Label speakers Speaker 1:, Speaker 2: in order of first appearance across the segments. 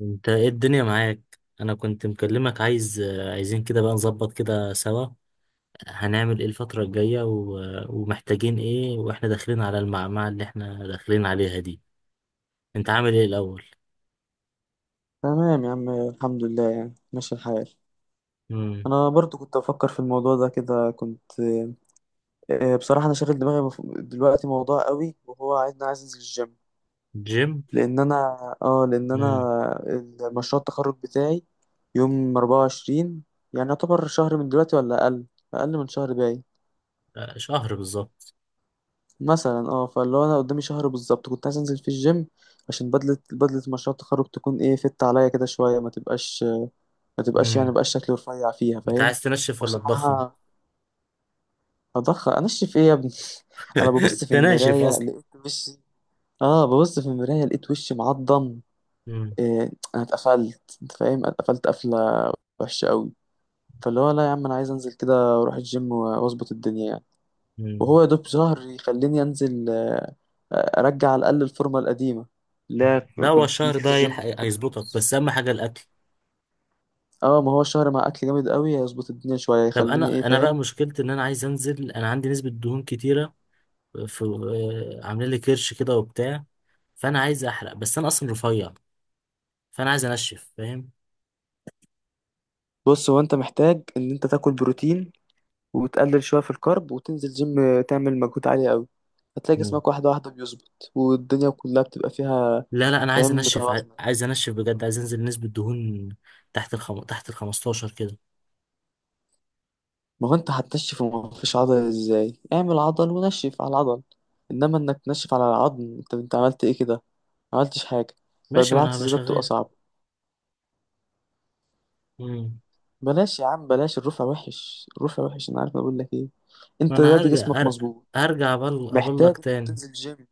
Speaker 1: انت ايه الدنيا معاك؟ انا كنت مكلمك، عايزين كده بقى نظبط كده سوا. هنعمل ايه الفترة الجاية و... ومحتاجين ايه، واحنا داخلين على المعمعة اللي احنا داخلين عليها دي؟ انت عامل ايه الاول؟
Speaker 2: تمام يا عم، الحمد لله، يعني ماشي الحال.
Speaker 1: امم.
Speaker 2: انا برضو كنت افكر في الموضوع ده كده كنت آه، بصراحه انا شاغل دماغي دلوقتي موضوع قوي، وهو عايز انا عايز انزل الجيم،
Speaker 1: جيم.
Speaker 2: لان انا اه لان انا
Speaker 1: امم.
Speaker 2: مشروع التخرج بتاعي يوم 24، يعني يعتبر شهر من دلوقتي ولا اقل، اقل من شهر باقي.
Speaker 1: آه، شهر بالظبط.
Speaker 2: مثلا فاللي هو انا قدامي شهر بالظبط، كنت عايز انزل في الجيم عشان بدله مشروع التخرج تكون ايه، فت عليا كده شويه، ما تبقاش يعني
Speaker 1: امم.
Speaker 2: بقاش شكلي رفيع فيها،
Speaker 1: انت
Speaker 2: فاهم؟
Speaker 1: عايز تنشف ولا تضخم؟
Speaker 2: وبصراحه انشف ايه يا ابني؟ انا ببص في
Speaker 1: تناشف
Speaker 2: المرايه
Speaker 1: اصلا.
Speaker 2: لقيت وشي اه ببص في المرايه لقيت وشي معضم.
Speaker 1: امم.
Speaker 2: إيه، انا اتقفلت، انت فاهم، اتقفلت قفله وحشه قوي. فاللي هو لا يا عم، انا عايز انزل كده، اروح الجيم واظبط الدنيا يعني،
Speaker 1: امم.
Speaker 2: وهو يا دوب شهر يخليني انزل، ارجع على الاقل الفورمه القديمه. لا،
Speaker 1: لا، هو
Speaker 2: كنت
Speaker 1: الشهر
Speaker 2: نزلت
Speaker 1: ده هيلحق
Speaker 2: الجيم شهر
Speaker 1: هيظبطك،
Speaker 2: ونص.
Speaker 1: بس اهم حاجة الاكل.
Speaker 2: اه، ما هو الشهر مع اكل جامد قوي هيظبط الدنيا شويه،
Speaker 1: طب
Speaker 2: يخليني ايه،
Speaker 1: انا بقى
Speaker 2: فاهم؟
Speaker 1: مشكلتي ان انا عايز انزل، انا عندي نسبة دهون كتيرة في عاملين لي كرش كده وبتاع. فانا عايز احرق، بس انا اصلا رفيع، فانا عايز انشف، فاهم؟
Speaker 2: بص، هو انت محتاج ان انت تاكل بروتين، وتقلل شوية في الكارب، وتنزل جيم تعمل مجهود عالي قوي، هتلاقي
Speaker 1: مم.
Speaker 2: جسمك واحدة واحدة بيظبط، والدنيا كلها بتبقى فيها،
Speaker 1: لا لا، انا عايز
Speaker 2: فاهم؟
Speaker 1: انشف،
Speaker 2: متوازنة.
Speaker 1: عايز انشف بجد، عايز انزل نسبة دهون تحت ال 15 كده.
Speaker 2: ما هو انت هتنشف وما فيش عضل، ازاي اعمل عضل، ونشف على العضل؟ انما انك تنشف على العظم، انت عملت ايه كده؟ ما عملتش حاجة، بل
Speaker 1: ماشي، ما انا
Speaker 2: بالعكس،
Speaker 1: هبقى
Speaker 2: زيادة بتبقى
Speaker 1: شغال.
Speaker 2: صعبة.
Speaker 1: مم.
Speaker 2: بلاش يا عم بلاش، الرفع وحش، الرفع وحش، انا عارف أنا بقول لك ايه،
Speaker 1: ما
Speaker 2: انت
Speaker 1: انا
Speaker 2: دلوقتي
Speaker 1: هرجع،
Speaker 2: جسمك مظبوط، محتاج
Speaker 1: ابلك
Speaker 2: انك
Speaker 1: تاني.
Speaker 2: تنزل جيم.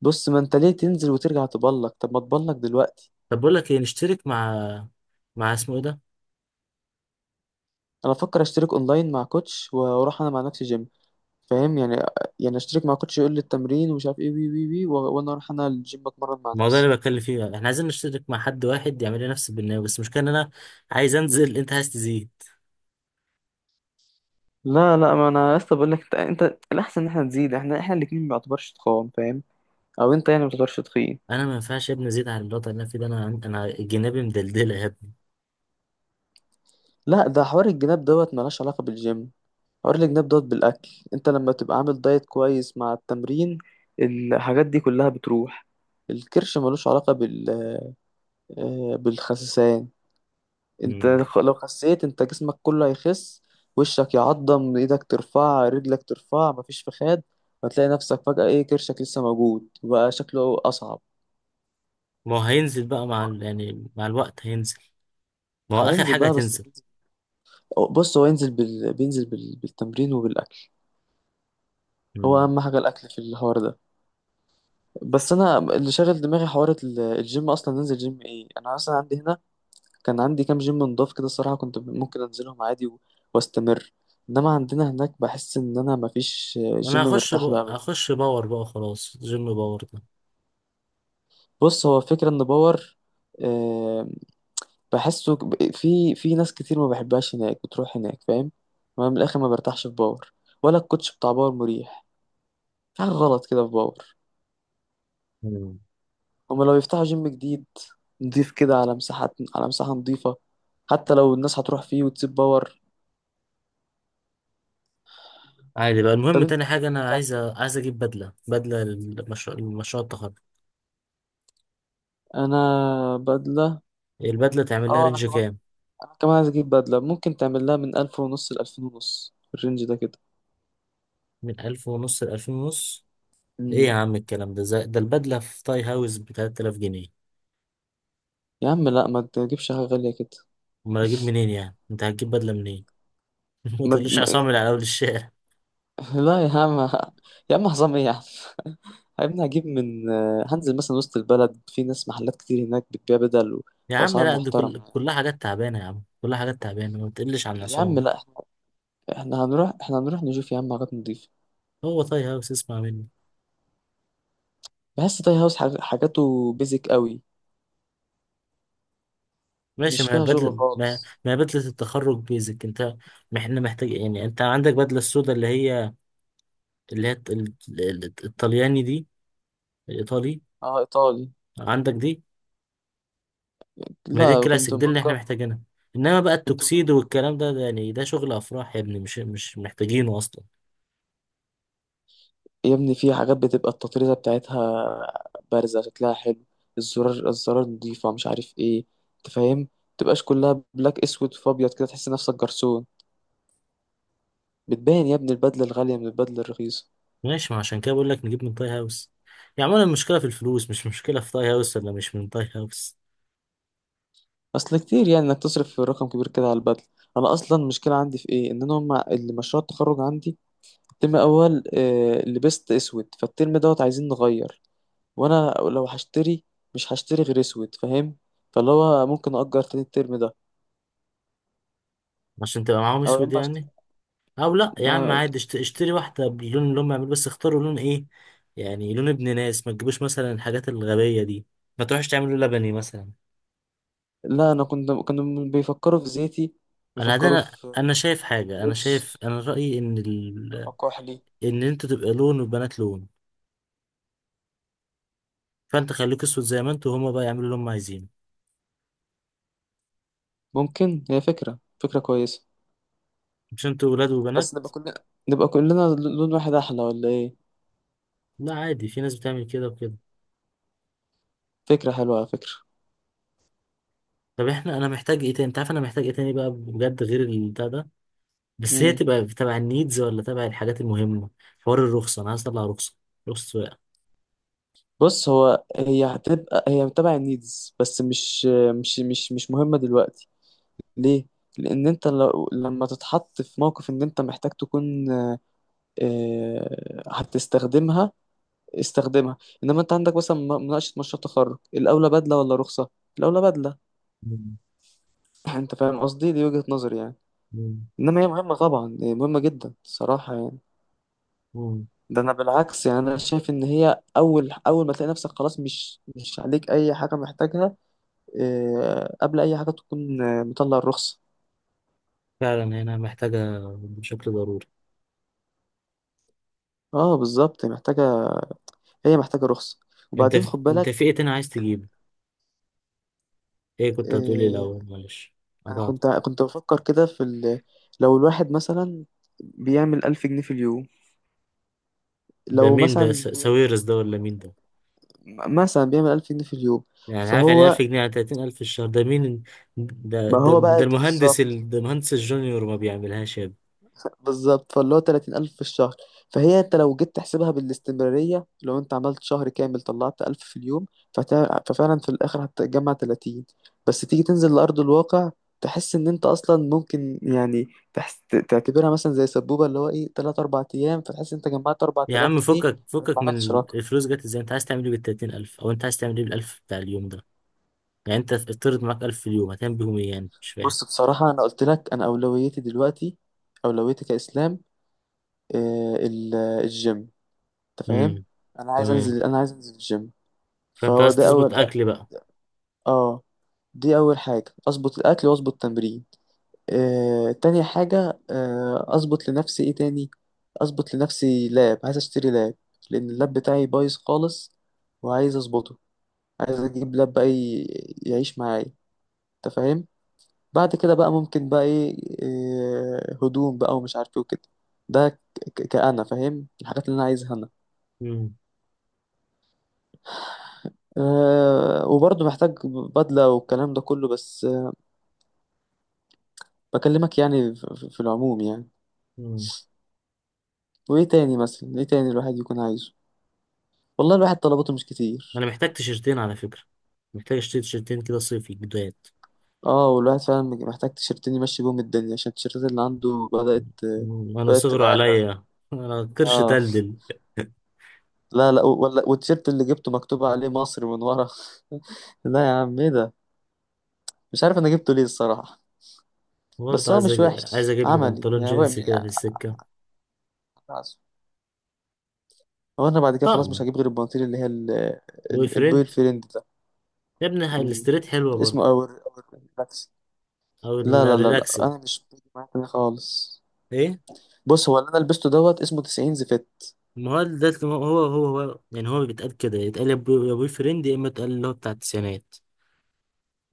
Speaker 2: بص، ما انت ليه تنزل وترجع تبلك؟ طب ما تبلك دلوقتي.
Speaker 1: طب بقول لك ايه، نشترك مع مع اسمه ايه ده،
Speaker 2: انا بفكر اشترك اونلاين مع كوتش، واروح انا مع نفسي جيم، فاهم يعني؟ يعني اشترك مع كوتش يقول لي التمرين ومش عارف ايه، وانا اروح انا الجيم اتمرن مع
Speaker 1: الموضوع
Speaker 2: نفسي.
Speaker 1: اللي بتكلم فيه ده. احنا عايزين نشترك مع حد واحد يعمل لي نفس البرنامج، بس المشكلة ان انا عايز انزل انت عايز تزيد.
Speaker 2: لا لا، ما انا لسه بقول لك، انت الاحسن ان احنا نزيد، احنا الاتنين ما بنعتبرش تخان، فاهم؟ او انت يعني ما بتعتبرش تخين.
Speaker 1: انا ما ينفعش يا ابني ازيد على الوضع اللي انا فيه ده، انا جنابي مدلدله يا ابني.
Speaker 2: لا، ده حوار الجناب دوت ملهاش علاقة بالجيم، حوار الجناب دوت بالاكل، انت لما تبقى عامل دايت كويس مع التمرين، الحاجات دي كلها بتروح. الكرش ملوش علاقة بالخسسان. انت
Speaker 1: مم.
Speaker 2: لو خسيت، انت جسمك كله هيخس، وشك يعضم، ايدك ترفع، رجلك ترفع، مفيش فخاد، هتلاقي نفسك فجأة ايه، كرشك لسه موجود وبقى شكله أصعب.
Speaker 1: ما هو هينزل بقى مع
Speaker 2: فهو
Speaker 1: يعني مع الوقت هينزل، ما هو اخر
Speaker 2: هينزل
Speaker 1: حاجه
Speaker 2: بقى، بس
Speaker 1: هتنزل.
Speaker 2: بينزل. بص، هو ينزل بالتمرين وبالأكل. هو
Speaker 1: مم.
Speaker 2: أهم حاجة الأكل في الحوار ده، بس أنا اللي شاغل دماغي حوار الجيم، أصلا ننزل جيم إيه، أنا أصلا عندي هنا كان عندي كام جيم نضاف كده، الصراحة كنت ممكن أنزلهم عادي واستمر، انما عندنا هناك بحس ان انا مفيش جيم
Speaker 1: انا هخش
Speaker 2: مرتاح له
Speaker 1: بقى،
Speaker 2: ابدا.
Speaker 1: هخش باور بقى، خلاص جيم باور ده.
Speaker 2: بص، هو فكرة ان باور، آه، بحسه في ناس كتير ما بحبهاش هناك بتروح هناك، فاهم؟ ما من الاخر ما برتاحش في باور، ولا الكوتش بتاع باور مريح، في حاجة غلط كده في باور.
Speaker 1: مم.
Speaker 2: هما لو يفتحوا جيم جديد نضيف كده، على مساحات، على مساحة نضيفة، حتى لو الناس هتروح فيه وتسيب باور.
Speaker 1: عادي بقى. المهم
Speaker 2: طب انت
Speaker 1: تاني
Speaker 2: هناك
Speaker 1: حاجه انا
Speaker 2: بتعمل
Speaker 1: عايز،
Speaker 2: ايه؟
Speaker 1: عايز اجيب بدله لمشروع التخرج.
Speaker 2: انا بدلة.
Speaker 1: البدله تعمل لها
Speaker 2: اه انا
Speaker 1: رينج
Speaker 2: كمان
Speaker 1: كام؟
Speaker 2: انا كمان عايز اجيب بدلة ممكن تعمل لها من الف ونص لالفين ونص الرينج ده كده.
Speaker 1: من 1500 لألفين ونص. ايه يا
Speaker 2: مم.
Speaker 1: عم الكلام ده ده البدله في تاي هاوس ب 3000 جنيه.
Speaker 2: يا عم لا، ما تجيبش حاجة غالية كده.
Speaker 1: امال اجيب منين؟ يعني انت هتجيب بدله منين؟ ما
Speaker 2: ما
Speaker 1: تقوليش عصامي على اول الشارع.
Speaker 2: لا يا عم، يا عم حظام ايه يا عم؟ يا ابني هجيب من، هنزل مثلا وسط البلد في ناس محلات كتير هناك بتبيع بدل
Speaker 1: يا عم
Speaker 2: واسعار
Speaker 1: لا، دي
Speaker 2: محترمه يعني.
Speaker 1: كلها حاجات تعبانة يا عم، كلها حاجات تعبانة، ما بتقلش عن
Speaker 2: يا عم
Speaker 1: العصام.
Speaker 2: لا، احنا، احنا هنروح نشوف يا عم حاجات نضيفه.
Speaker 1: هو طاي هاوس اسمع مني.
Speaker 2: بحس تاي هاوس حاجاته بيزك قوي،
Speaker 1: ماشي،
Speaker 2: مش
Speaker 1: ما هي
Speaker 2: فيها شغل
Speaker 1: بدل ما
Speaker 2: خالص.
Speaker 1: ما هي بدلة التخرج بيزك انت. احنا محتاج يعني، انت عندك بدلة السودا اللي هي، اللي هي الطلياني دي، الايطالي.
Speaker 2: اه، ايطالي.
Speaker 1: عندك دي. ما هي دي
Speaker 2: لا، كنت
Speaker 1: الكلاسيك دي اللي احنا
Speaker 2: مأجر.
Speaker 1: محتاجينها. انما بقى
Speaker 2: كنت
Speaker 1: التوكسيدو
Speaker 2: مأجر
Speaker 1: والكلام ده يعني ده شغل افراح يا ابني، مش محتاجينه اصلا.
Speaker 2: يا ابني، في حاجات بتبقى التطريزه بتاعتها بارزه شكلها حلو، الزرار، الزرار نضيفه، مش عارف ايه، انت فاهم؟ متبقاش كلها بلاك، اسود فابيض كده تحس نفسك جرسون، بتبان يا ابني البدلة الغالية من البدلة الرخيصة.
Speaker 1: ماشي، ما عشان كده بقول لك نجيب من طاي هاوس. يعني عموما المشكلة في الفلوس، مش مشكلة في طاي هاوس ولا مش من طاي هاوس.
Speaker 2: أصل كتير يعني إنك تصرف في رقم كبير كده على البدلة. أنا أصلا المشكلة عندي في إيه، إن أنا هما اللي مشروع التخرج عندي الترم الأول لبست أسود، فالترم دوت عايزين نغير، وأنا لو هشتري مش هشتري غير أسود، فاهم؟ فاللي هو ممكن أجر تاني الترم ده،
Speaker 1: عشان تبقى معاهم
Speaker 2: أو يا
Speaker 1: اسود
Speaker 2: إما
Speaker 1: يعني؟
Speaker 2: أشت...
Speaker 1: او لا يا عم،
Speaker 2: ما...
Speaker 1: عادي اشتري واحده باللون اللي هم يعملوا، بس اختاروا لون ايه؟ يعني لون ابن ناس، ما تجيبوش مثلا الحاجات الغبيه دي، ما تروحش تعملوا لبني مثلا.
Speaker 2: لا أنا كنت كانوا بيفكروا في زيتي، بيفكروا
Speaker 1: انا،
Speaker 2: في
Speaker 1: انا شايف حاجه انا
Speaker 2: بيج
Speaker 1: شايف انا رايي ان
Speaker 2: أو كحلي.
Speaker 1: ان انتوا تبقى لون والبنات لون. فانت خليك اسود زي ما انتوا، وهما بقى يعملوا اللي هم عايزينه.
Speaker 2: ممكن هي فكرة، فكرة كويسة،
Speaker 1: مش انتوا ولاد وبنات؟
Speaker 2: بس نبقى كلنا لون واحد احلى ولا ايه؟
Speaker 1: لا عادي، في ناس بتعمل كده وكده.
Speaker 2: فكرة حلوة على فكرة.
Speaker 1: طب انا محتاج ايه تاني؟ انت عارف انا محتاج ايه تاني بقى بجد غير البتاع ده؟ بس هي
Speaker 2: امم
Speaker 1: تبقى تبع النيدز ولا تبع الحاجات المهمة. حوار الرخصة، أنا عايز أطلع رخصة، رخصة سواقة.
Speaker 2: بص، هو هي هتبقى هي تبع النيدز، بس مش مهمة دلوقتي. ليه؟ لأن أنت لما تتحط في موقف إن أنت محتاج تكون، هتستخدمها، استخدمها. إنما أنت عندك مثلا مناقشة مشروع تخرج، الأولى بدلة ولا رخصة؟ الأولى بدلة.
Speaker 1: مم.
Speaker 2: أنت فاهم قصدي؟ دي وجهة نظري يعني،
Speaker 1: مم.
Speaker 2: إنما هي مهمة طبعا، هي مهمة جدا الصراحة يعني.
Speaker 1: مم.
Speaker 2: ده انا بالعكس يعني، انا شايف ان هي اول اول ما تلاقي نفسك خلاص، مش عليك اي حاجه محتاجها، قبل اي حاجه تكون مطلع الرخصه.
Speaker 1: فعلا هنا محتاجة بشكل ضروري.
Speaker 2: اه بالظبط محتاجه، هي محتاجه رخصه. وبعدين خد
Speaker 1: أنت في
Speaker 2: بالك،
Speaker 1: إيه تاني عايز تجيبه؟ إيه كنت هتقولي
Speaker 2: آه،
Speaker 1: الأول معلش؟
Speaker 2: انا
Speaker 1: قطعت.
Speaker 2: كنت بفكر كده لو الواحد مثلا بيعمل 1000 جنيه في اليوم،
Speaker 1: ده
Speaker 2: لو
Speaker 1: مين ده،
Speaker 2: مثلا بي...
Speaker 1: ساويرس ده ولا مين ده؟
Speaker 2: مثلا بيعمل ألف جنيه في اليوم.
Speaker 1: يعني عارف، يعني 1000
Speaker 2: فهو،
Speaker 1: جنيه على 30000 في الشهر، ده مين؟
Speaker 2: ما هو بقى بالظبط،
Speaker 1: ده المهندس الجونيور ما بيعملهاش يا ابني.
Speaker 2: بالظبط فاللي هو 30000 في الشهر، فهي انت لو جيت تحسبها بالاستمرارية، لو انت عملت شهر كامل طلعت 1000 في اليوم، ففعلا في الآخر هتجمع 30. بس تيجي تنزل لأرض الواقع، تحس ان انت اصلا ممكن يعني، تحس تعتبرها مثلا زي سبوبة اللي هو ايه، 3 4 ايام، فتحس انت جمعت
Speaker 1: يا
Speaker 2: 4000
Speaker 1: عم
Speaker 2: جنيه
Speaker 1: فكك
Speaker 2: فما
Speaker 1: فكك
Speaker 2: عملتش
Speaker 1: من
Speaker 2: رقم.
Speaker 1: الفلوس، جت ازاي؟ انت عايز تعمل ايه بال 30000، او انت عايز تعمل ايه بالألف بتاع اليوم ده؟ يعني انت افترض معاك 1000 في اليوم، هتعمل بيهم ايه، يعني مش فاهم.
Speaker 2: بصراحة انا قلت لك، انا اولويتي دلوقتي، اولويتي كإسلام، الجيم، انت فاهم؟
Speaker 1: امم.
Speaker 2: انا عايز
Speaker 1: تمام.
Speaker 2: انزل انا عايز انزل الجيم،
Speaker 1: فانت
Speaker 2: فهو
Speaker 1: عايز
Speaker 2: ده
Speaker 1: تظبط
Speaker 2: اول
Speaker 1: اكل بقى.
Speaker 2: اه دي أول حاجة، أظبط الأكل وأظبط التمرين. تاني حاجة أظبط لنفسي إيه تاني، أظبط لنفسي لاب، عايز أشتري لاب، لأن اللاب بتاعي بايظ خالص وعايز أظبطه، عايز أجيب لاب بقى يعيش معايا، أنت فاهم؟ بعد كده بقى ممكن بقى إيه، هدوم بقى ومش عارف إيه وكده، ده كأنا فاهم الحاجات اللي أنا عايزها أنا.
Speaker 1: امم.
Speaker 2: أه وبرضه محتاج بدلة والكلام ده كله، بس بكلمك يعني في العموم يعني.
Speaker 1: امم.
Speaker 2: وايه تاني مثلا ايه تاني الواحد يكون عايزه؟ والله الواحد طلباته مش
Speaker 1: انا
Speaker 2: كتير.
Speaker 1: محتاج تيشرتين على فكرة، محتاج اشتري تيشرتين كده صيفي جداد.
Speaker 2: اه، والواحد فعلا محتاج تيشيرتين يمشي بيهم الدنيا، عشان التيشيرتات اللي عنده بدأت،
Speaker 1: مم. انا
Speaker 2: بدأت
Speaker 1: صغر
Speaker 2: تبقى عرة.
Speaker 1: عليا، انا قرش
Speaker 2: اه،
Speaker 1: تلدل.
Speaker 2: لا لا ولا، والتيشيرت اللي جبته مكتوب عليه مصر من ورا. لا يا عم ايه ده، مش عارف انا جبته ليه الصراحة،
Speaker 1: برضه
Speaker 2: بس هو
Speaker 1: عايز،
Speaker 2: مش
Speaker 1: عايز
Speaker 2: وحش
Speaker 1: اجيب لي
Speaker 2: عملي
Speaker 1: بنطلون
Speaker 2: يعني، هو
Speaker 1: جينز
Speaker 2: يعني،
Speaker 1: كده في السكة.
Speaker 2: خلاص، هو انا بعد كده خلاص
Speaker 1: طقم.
Speaker 2: مش هجيب غير البناطيل اللي هي
Speaker 1: بوي
Speaker 2: البوي
Speaker 1: فريند.
Speaker 2: فريند ده.
Speaker 1: يا ابني هاي
Speaker 2: مم.
Speaker 1: الاستريت حلوة
Speaker 2: اسمه
Speaker 1: برضه.
Speaker 2: اور اور.
Speaker 1: او
Speaker 2: لا لا لا لا،
Speaker 1: الريلاكسد.
Speaker 2: انا مش بيجي معايا كده خالص.
Speaker 1: ايه؟
Speaker 2: بص، هو اللي انا لبسته دوت اسمه 90 زفت.
Speaker 1: ما هو ده اللي هو يعني هو بيتقال كده، يتقال يا بوي فريند، يا اما يتقال اللي هو بتاع التسعينات.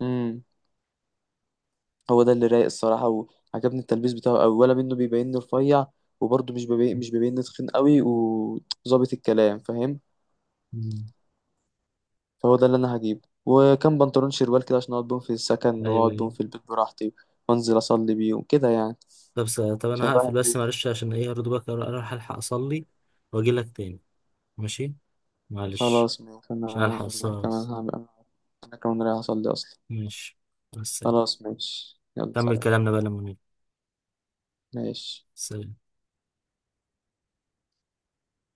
Speaker 2: امم هو ده اللي رايق الصراحه، وعجبني التلبيس بتاعه قوي ولا منه، بيبيني رفيع وبرضه مش بيبيني تخين قوي وظابط الكلام، فاهم؟
Speaker 1: مم.
Speaker 2: فهو ده اللي انا هجيبه، وكم بنطلون شروال كده عشان اقعد بيهم في السكن
Speaker 1: ايوه
Speaker 2: واقعد بيهم
Speaker 1: ايوه.
Speaker 2: في البيت براحتي، وانزل اصلي بيهم كده يعني.
Speaker 1: طب، طب
Speaker 2: عشان
Speaker 1: انا هقفل
Speaker 2: الواحد
Speaker 1: بس
Speaker 2: بي...
Speaker 1: معلش، عشان ايه؟ اردوبك، اروح الحق اصلي واجي لك تاني. ماشي. معلش.
Speaker 2: خلاص ماشي انا،
Speaker 1: عشان الحق
Speaker 2: أنا
Speaker 1: الصلاة
Speaker 2: كمان
Speaker 1: بس.
Speaker 2: هعمل انا كمان رايح اصلي اصلا.
Speaker 1: ماشي، مع السلامة.
Speaker 2: خلاص ماشي يلا
Speaker 1: كمل
Speaker 2: سلام.
Speaker 1: كلامنا بقى لما نيجي.
Speaker 2: ماشي.
Speaker 1: سلام.